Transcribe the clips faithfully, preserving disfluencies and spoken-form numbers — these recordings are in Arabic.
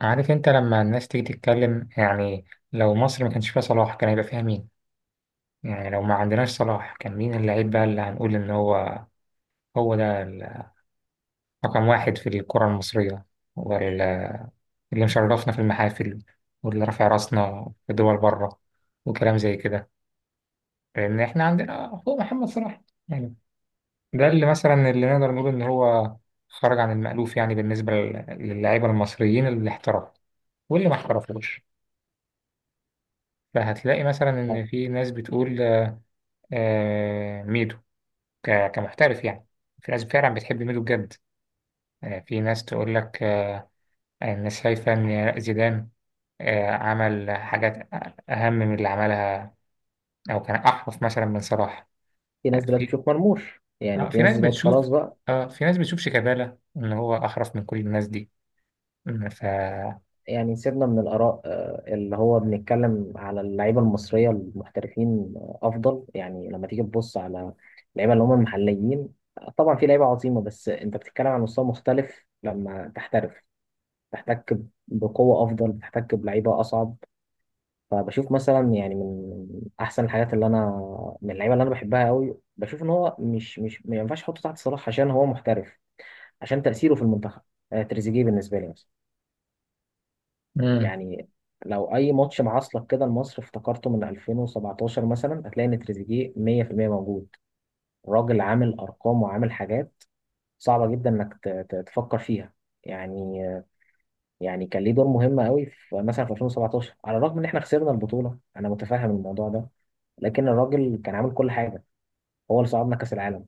عارف انت لما الناس تيجي تتكلم، يعني لو مصر ما كانش فيها صلاح كان هيبقى فيها مين؟ يعني لو ما عندناش صلاح كان مين اللعيب بقى اللي هنقول ان هو هو ده ال- رقم واحد في الكرة المصرية، واللي مشرفنا في المحافل، واللي رافع راسنا في دول بره، وكلام زي كده، لان احنا عندنا هو محمد صلاح. يعني ده اللي مثلا اللي نقدر نقول ان هو خرج عن المألوف، يعني بالنسبة لل- للعيبة المصريين اللي احترفوا واللي ما احترفوش. فهتلاقي مثلا ان في ناس بتقول آه، ميدو ك- كمحترف يعني. في ناس فعلا بتحب ميدو بجد. آه، في ناس تقول لك آه، الناس شايفة إن زيدان آه، عمل حاجات أهم من اللي عملها، أو كان أحرف مثلا من صلاح. في آه، ناس دلوقتي في بتشوف مرموش. آه، يعني في في ناس ناس دلوقتي بتشوف خلاص بقى. آه، في ناس بتشوف شيكابالا إن هو أحرف من كل الناس دي. م، ف يعني سيبنا من الآراء، آه، اللي هو بنتكلم على اللعيبة المصرية المحترفين، آه، أفضل. يعني لما تيجي تبص على اللعيبة اللي هم المحليين، آه، طبعا في لعيبة عظيمة، بس أنت بتتكلم عن مستوى مختلف لما تحترف. تحتك بقوة أفضل، بتحتك بلعيبة أصعب. فبشوف مثلا يعني من أحسن الحاجات اللي أنا، من اللعيبة اللي أنا بحبها قوي، بشوف إن هو مش مش ما ينفعش أحطه تحت صلاح عشان هو محترف، عشان تأثيره في المنتخب. آه، تريزيجيه بالنسبة لي مثلا، مم. يعني لو أي ماتش معاصلك كده لمصر افتكرته من ألفين وسبعطاشر مثلا، هتلاقي إن تريزيجيه مية في المية موجود. راجل عامل أرقام وعامل حاجات صعبة جدا إنك ت- ت- تفكر فيها. يعني آه، يعني كان ليه دور مهم قوي في مثلا في ألفين وسبعة عشر، على الرغم إن إحنا خسرنا البطولة. أنا متفهم الموضوع ده، لكن الراجل كان عامل كل حاجة، هو اللي صعدنا كأس العالم.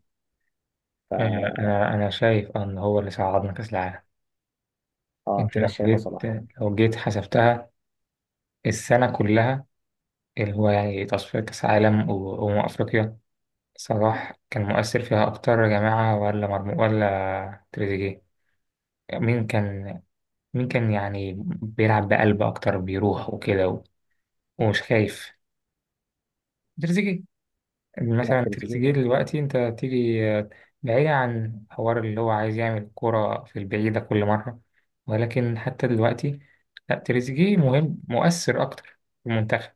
ف... أنا أنا أنا شايف إن هو اللي صعدنا كأس العالم. آه، أنت في ناس لو شايفة جيت صلاح. لو جيت حسبتها، السنة كلها اللي هو يعني تصفية كأس عالم و- وأمم أفريقيا، صلاح كان مؤثر فيها أكتر يا جماعة ولا مرمو ولا تريزيجيه؟ مين كان مين كان يعني بيلعب بقلب أكتر، بيروح وكده و- ومش خايف؟ تريزيجيه، لا، مثلا تريزيجيه. تريزيجيه دلوقتي أنت تيجي آه، بعيد عن حوار اللي هو عايز يعمل كرة في البعيدة كل مرة، ولكن حتى دلوقتي، لا، تريزيجيه مهم مؤثر أكتر في المنتخب.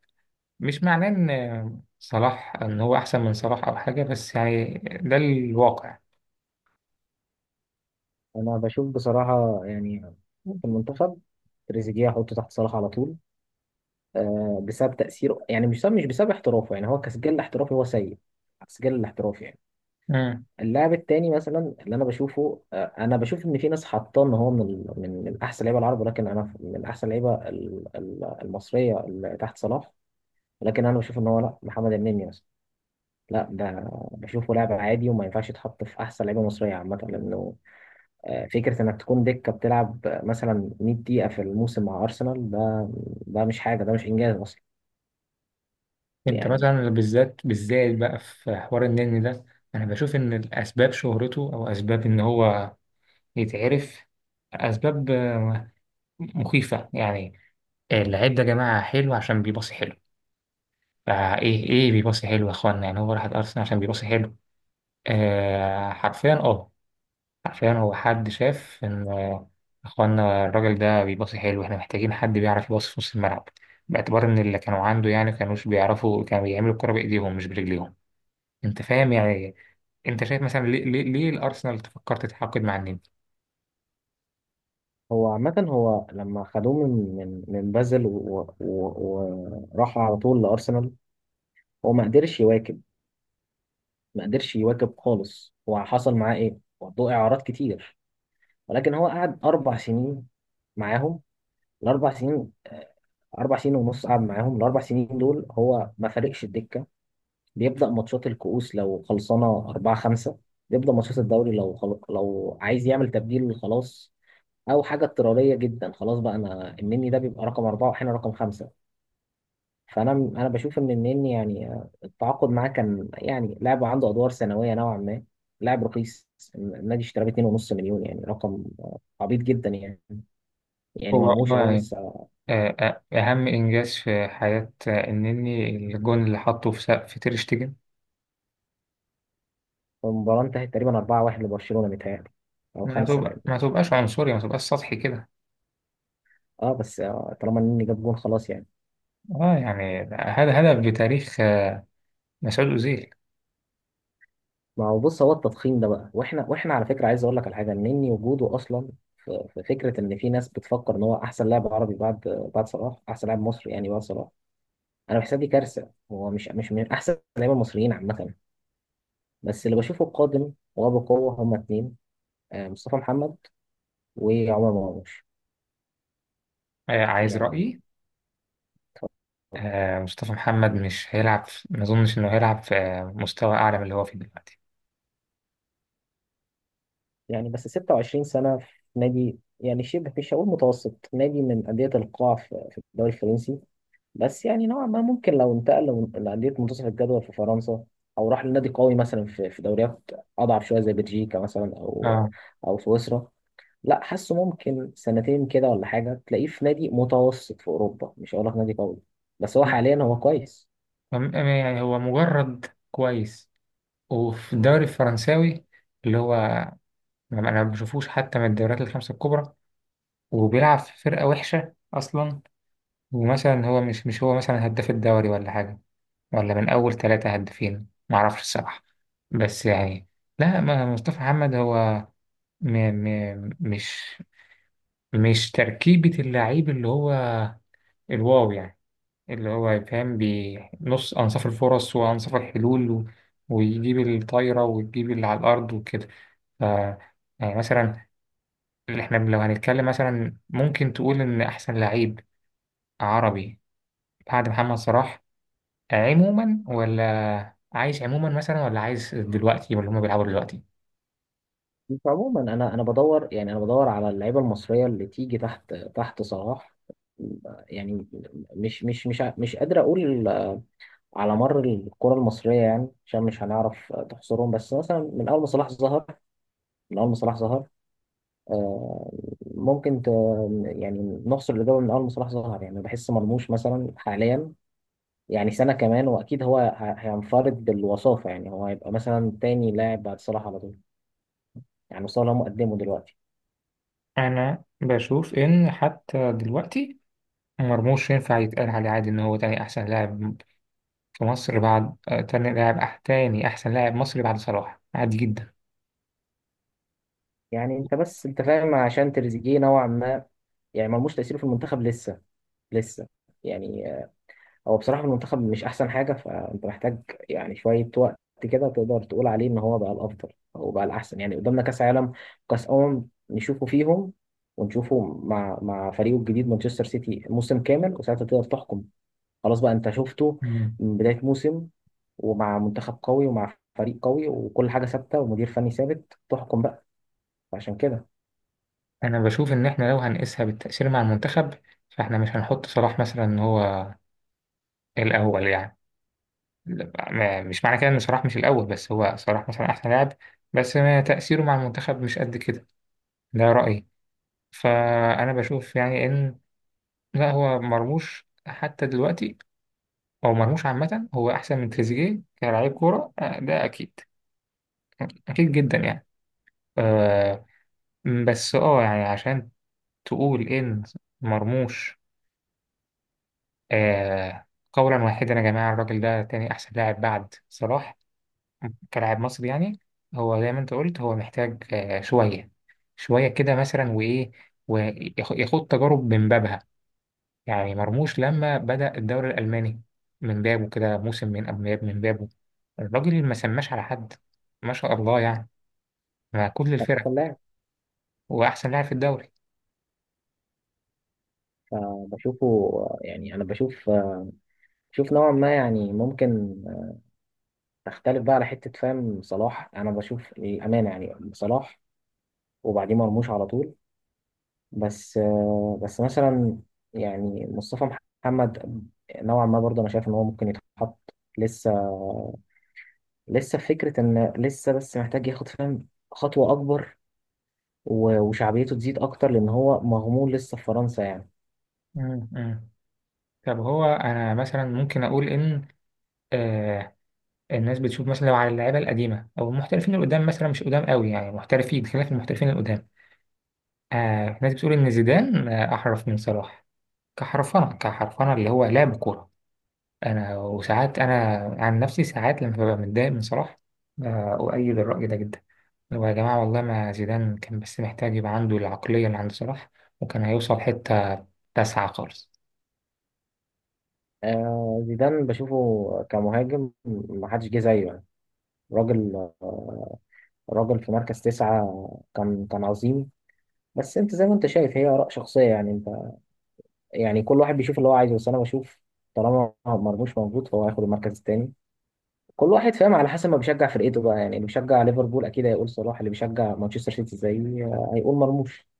مش معناه إن صلاح، إن هو أحسن من صلاح أو حاجة، بس يعني ده الواقع. انا بشوف بصراحه، يعني في المنتخب تريزيجيه احطه تحت صلاح على طول، آه، بسبب تاثيره. يعني مش بسبب مش بسبب احترافه. يعني هو كسجل الاحترافي هو سيء، السجل الاحترافي يعني. مم. اللاعب التاني مثلا اللي انا بشوفه، آه، انا بشوف ان في ناس حاطاه ان هو من ال- من من احسن لعيبه العرب. ولكن انا من احسن لعيبه ال- ال- المصريه اللي تحت صلاح. ولكن انا بشوف ان هو، لا، محمد النني مثلا، لا، ده بشوفه لاعب عادي وما ينفعش يتحط في احسن لعيبه مصريه عامه، لانه آه، فكرة إنك تكون دكة بتلعب مثلا مية دقيقة في الموسم مع أرسنال، ده ده مش حاجة، ده مش إنجاز أصلا. أنت يعني مثلا بالذات بالذات بقى في حوار النني ده، أنا بشوف إن الأسباب شهرته أو أسباب إن هو يتعرف، أسباب آه، مخيفة يعني. اللعيب ده يا جماعة حلو عشان بيباصي حلو. فإيه إيه بيباصي حلو يا إخوانا؟ يعني هو راح أرسنال عشان بيباصي حلو؟ آه حرفيا، أه. عشان هو، حد شاف إن إخوانا الراجل ده بيباصي حلو، إحنا محتاجين حد بيعرف يباصي في نص الملعب، باعتبار إن اللي كانوا عنده يعني كانوش بيعرفوا، كانوا بيعملوا الكرة بإيديهم مش برجليهم. أنت فاهم يعني إيه؟ أنت شايف مثلا، ليه ليه, ليه الأرسنال تفكر تتعاقد مع النني؟ هو عامة، هو لما خدوه من من من بازل و- و- وراحوا على طول لأرسنال، هو ما قدرش يواكب. ما قدرش يواكب خالص. هو حصل معاه إيه؟ وضوء إعارات كتير. ولكن هو قعد أربع سنين معاهم، الأربع سنين، آه، أربع سنين ونص قعد معاهم. الأربع سنين دول هو ما فارقش الدكة. بيبدأ ماتشات الكؤوس لو خلصانة أربعة خمسة، بيبدأ ماتشات الدوري لو خل... لو عايز يعمل تبديل خلاص، أو حاجة اضطرارية جدا. خلاص بقى، أنا النني ده بيبقى رقم أربعة وأحيانا رقم خمسة. فأنا أنا بشوف إن النني يعني، آه، التعاقد معاه كان يعني لاعب عنده أدوار ثانوية نوعا ما، لاعب رخيص. النادي اشتراه ب اتنين ونص مليون، يعني رقم آه، عبيط جدا يعني. يعني هو مرموش هو أهو يعني، لسه. آه، آه، أهم إنجاز في حياة آه، النني، الجون اللي حطه في سقف في تير شتيجن. المباراة انتهت تقريبا أربعة لواحد لبرشلونة متهيألي، أو ما خمسة بقى. تبقى ما تبقاش عنصري، ما تبقاش سطحي كده. اه بس آه، طالما النني جاب جون خلاص يعني. اه يعني هذا هدف بتاريخ آه، مسعود أوزيل. ما هو بص، هو التضخيم ده بقى، واحنا واحنا على فكره عايز اقول لك على حاجه، مني وجوده اصلا في في فكره ان في ناس بتفكر ان هو احسن لاعب عربي بعد بعد صلاح، احسن لاعب مصري يعني بعد صلاح. انا بحسها دي كارثه. هو مش مش من احسن اللعيبه المصريين عامه. بس اللي بشوفه قادم وبقوه هما اتنين، آه، مصطفى محمد وعمر مرموش. آه، عايز يعني رأيي؟ آه مصطفى محمد مش هيلعب في- ما أظنش إنه هيلعب في آه، مستوى أعلى من اللي هو فيه دلوقتي. يعني بس ستة وعشرين سنه في نادي يعني شبه، مش هقول متوسط، نادي من انديه القاع في في الدوري الفرنسي. بس يعني نوعا ما ممكن لو انتقل لو- لأندية منتصف الجدول في فرنسا، أو راح لنادي قوي مثلا في في دوريات أضعف شوية زي بلجيكا مثلا، أو اه. أو سويسرا. لا، حاسه ممكن سنتين كده ولا حاجة تلاقيه في نادي متوسط في أوروبا، مش هقول لك نادي قوي، بس هو م- حاليا هو كويس. م- يعني هو مجرد كويس، وفي الدوري الفرنساوي اللي هو، أنا أنا ما بشوفوش حتى من الدوريات الخمسة الكبرى، وبيلعب في فرقة وحشة أصلا. ومثلا هو مش مش هو مثلا هداف الدوري ولا حاجة، ولا من أول ثلاثة هدافين، معرفش الصراحة. بس يعني لا، ما مصطفى محمد هو م م مش مش تركيبة اللعيب اللي هو الواو يعني، اللي هو يفهم بنص، أنصاف الفرص وأنصاف الحلول و... ويجيب الطايرة ويجيب اللي على الأرض وكده. ف يعني مثلا، اللي احنا لو هنتكلم مثلا، ممكن تقول إن أحسن لعيب عربي بعد محمد صلاح عموما، ولا عايز عموما مثلا، ولا عايز دلوقتي ولا هما بيلعبوا دلوقتي؟ عموما أنا أنا بدور يعني، أنا بدور على اللعيبة المصرية اللي تيجي تحت تحت صلاح. يعني مش مش مش ع- مش قادر أقول على مر الكرة المصرية، يعني عشان مش هنعرف تحصرهم، بس مثلا من أول ما صلاح ظهر. من أول ما صلاح ظهر، آه، ممكن ت... يعني نحصر الإجابة من أول ما صلاح ظهر. يعني بحس مرموش مثلا حاليا، يعني سنة كمان وأكيد هو ه- هينفرد بالوصافة. يعني هو هيبقى مثلا تاني لاعب بعد صلاح على طول. يعني صلاح مقدمه دلوقتي. أنا بشوف إن حتى دلوقتي، مرموش ينفع يتقال عليه عادي إن هو تاني أحسن لاعب في مصر بعد، آه، تاني لاعب أح... تاني أحسن لاعب مصري بعد صلاح عادي جدا. يعني أنت بس أنت فاهم عشان تريزيجيه نوعا ما. يعني مرموش تأثيره في المنتخب لسه، لسه يعني. هو بصراحة المنتخب مش أحسن حاجة، فأنت محتاج يعني شوية وقت كده تقدر تقول عليه إن هو بقى الأفضل أو بقى الأحسن. يعني قدامنا كأس عالم، كأس أمم، نشوفه فيهم، ونشوفه مع مع فريقه الجديد مانشستر سيتي موسم كامل، وساعتها تقدر تحكم. خلاص بقى، أنت شفته مم. من بداية موسم، ومع منتخب قوي ومع فريق قوي وكل حاجة ثابتة ومدير فني ثابت، تحكم بقى. فعشان كده أنا بشوف إن إحنا لو هنقيسها بالتأثير مع المنتخب، فإحنا مش هنحط صلاح مثلا إن هو الأول يعني. لا، ما- مش معنى كده إن صلاح مش الأول، بس هو صلاح مثلا أحسن لاعب، بس ما تأثيره مع المنتخب مش قد كده. ده رأيي. فأنا بشوف يعني إن، لا، هو مرموش حتى دلوقتي، أو مرموش عامة، هو أحسن من تريزيجيه كلاعب كورة، آه، ده أكيد، أكيد جدا يعني. آه، م، بس اه يعني عشان تقول ان مرموش، آه، قولا واحدا يا جماعة، الراجل ده تاني أحسن لاعب بعد صلاح كلاعب مصري يعني، هو زي ما أنت قلت، هو محتاج آه شوية، شوية كده مثلا، وإيه، وياخد تجارب من بابها. يعني مرموش لما بدأ الدوري الألماني من بابه كده، موسم من قبل من بابه، الراجل ما سماش على حد، ما شاء الله يعني، مع كل كان الفرق أحسن لاعب. وأحسن لاعب في الدوري. فبشوفه، يعني أنا بشوف، بشوف نوعا ما يعني. ممكن تختلف بقى على حتة فاهم، صلاح أنا بشوف الأمانة، يعني صلاح وبعديه مرموش على طول. بس آه، بس مثلا يعني مصطفى محمد نوعا ما برضه أنا شايف إن هو ممكن يتحط، لسه، لسه في فكرة إن لسه، بس محتاج ياخد فاهم خطوة أكبر، و- وشعبيته تزيد أكتر لأن هو مغمور لسه في فرنسا يعني. م- م. طب هو انا مثلا ممكن اقول ان آه، الناس بتشوف مثلا لو على اللعيبه القديمه او المحترفين القدام، مثلا مش قدام قوي يعني، محترفين خلاف المحترفين القدام، آه الناس بتقول ان زيدان آه احرف من صلاح، كحرفنه كحرفنه اللي هو لعب كوره. انا وساعات انا عن نفسي ساعات لما ببقى متضايق من صلاح آه اؤيد الراي ده جدا، اللي هو يا جماعه والله ما زيدان كان بس محتاج يبقى عنده العقليه اللي عند صلاح، وكان هيوصل حته تسعة خالص. آه، زيدان بشوفه كمهاجم محدش جه زيه يعني. راجل، راجل في مركز تسعة، كان كان عظيم. بس انت زي ما انت شايف هي اراء شخصيه يعني. انت يعني كل واحد بيشوف اللي هو عايزه، بس انا بشوف طالما مرموش موجود فهو هياخد المركز الثاني. كل واحد فاهم على حسب ما بيشجع فرقته بقى. يعني اللي بيشجع ليفربول اكيد هيقول صلاح، اللي بيشجع مانشستر سيتي زي هيقول مرموش.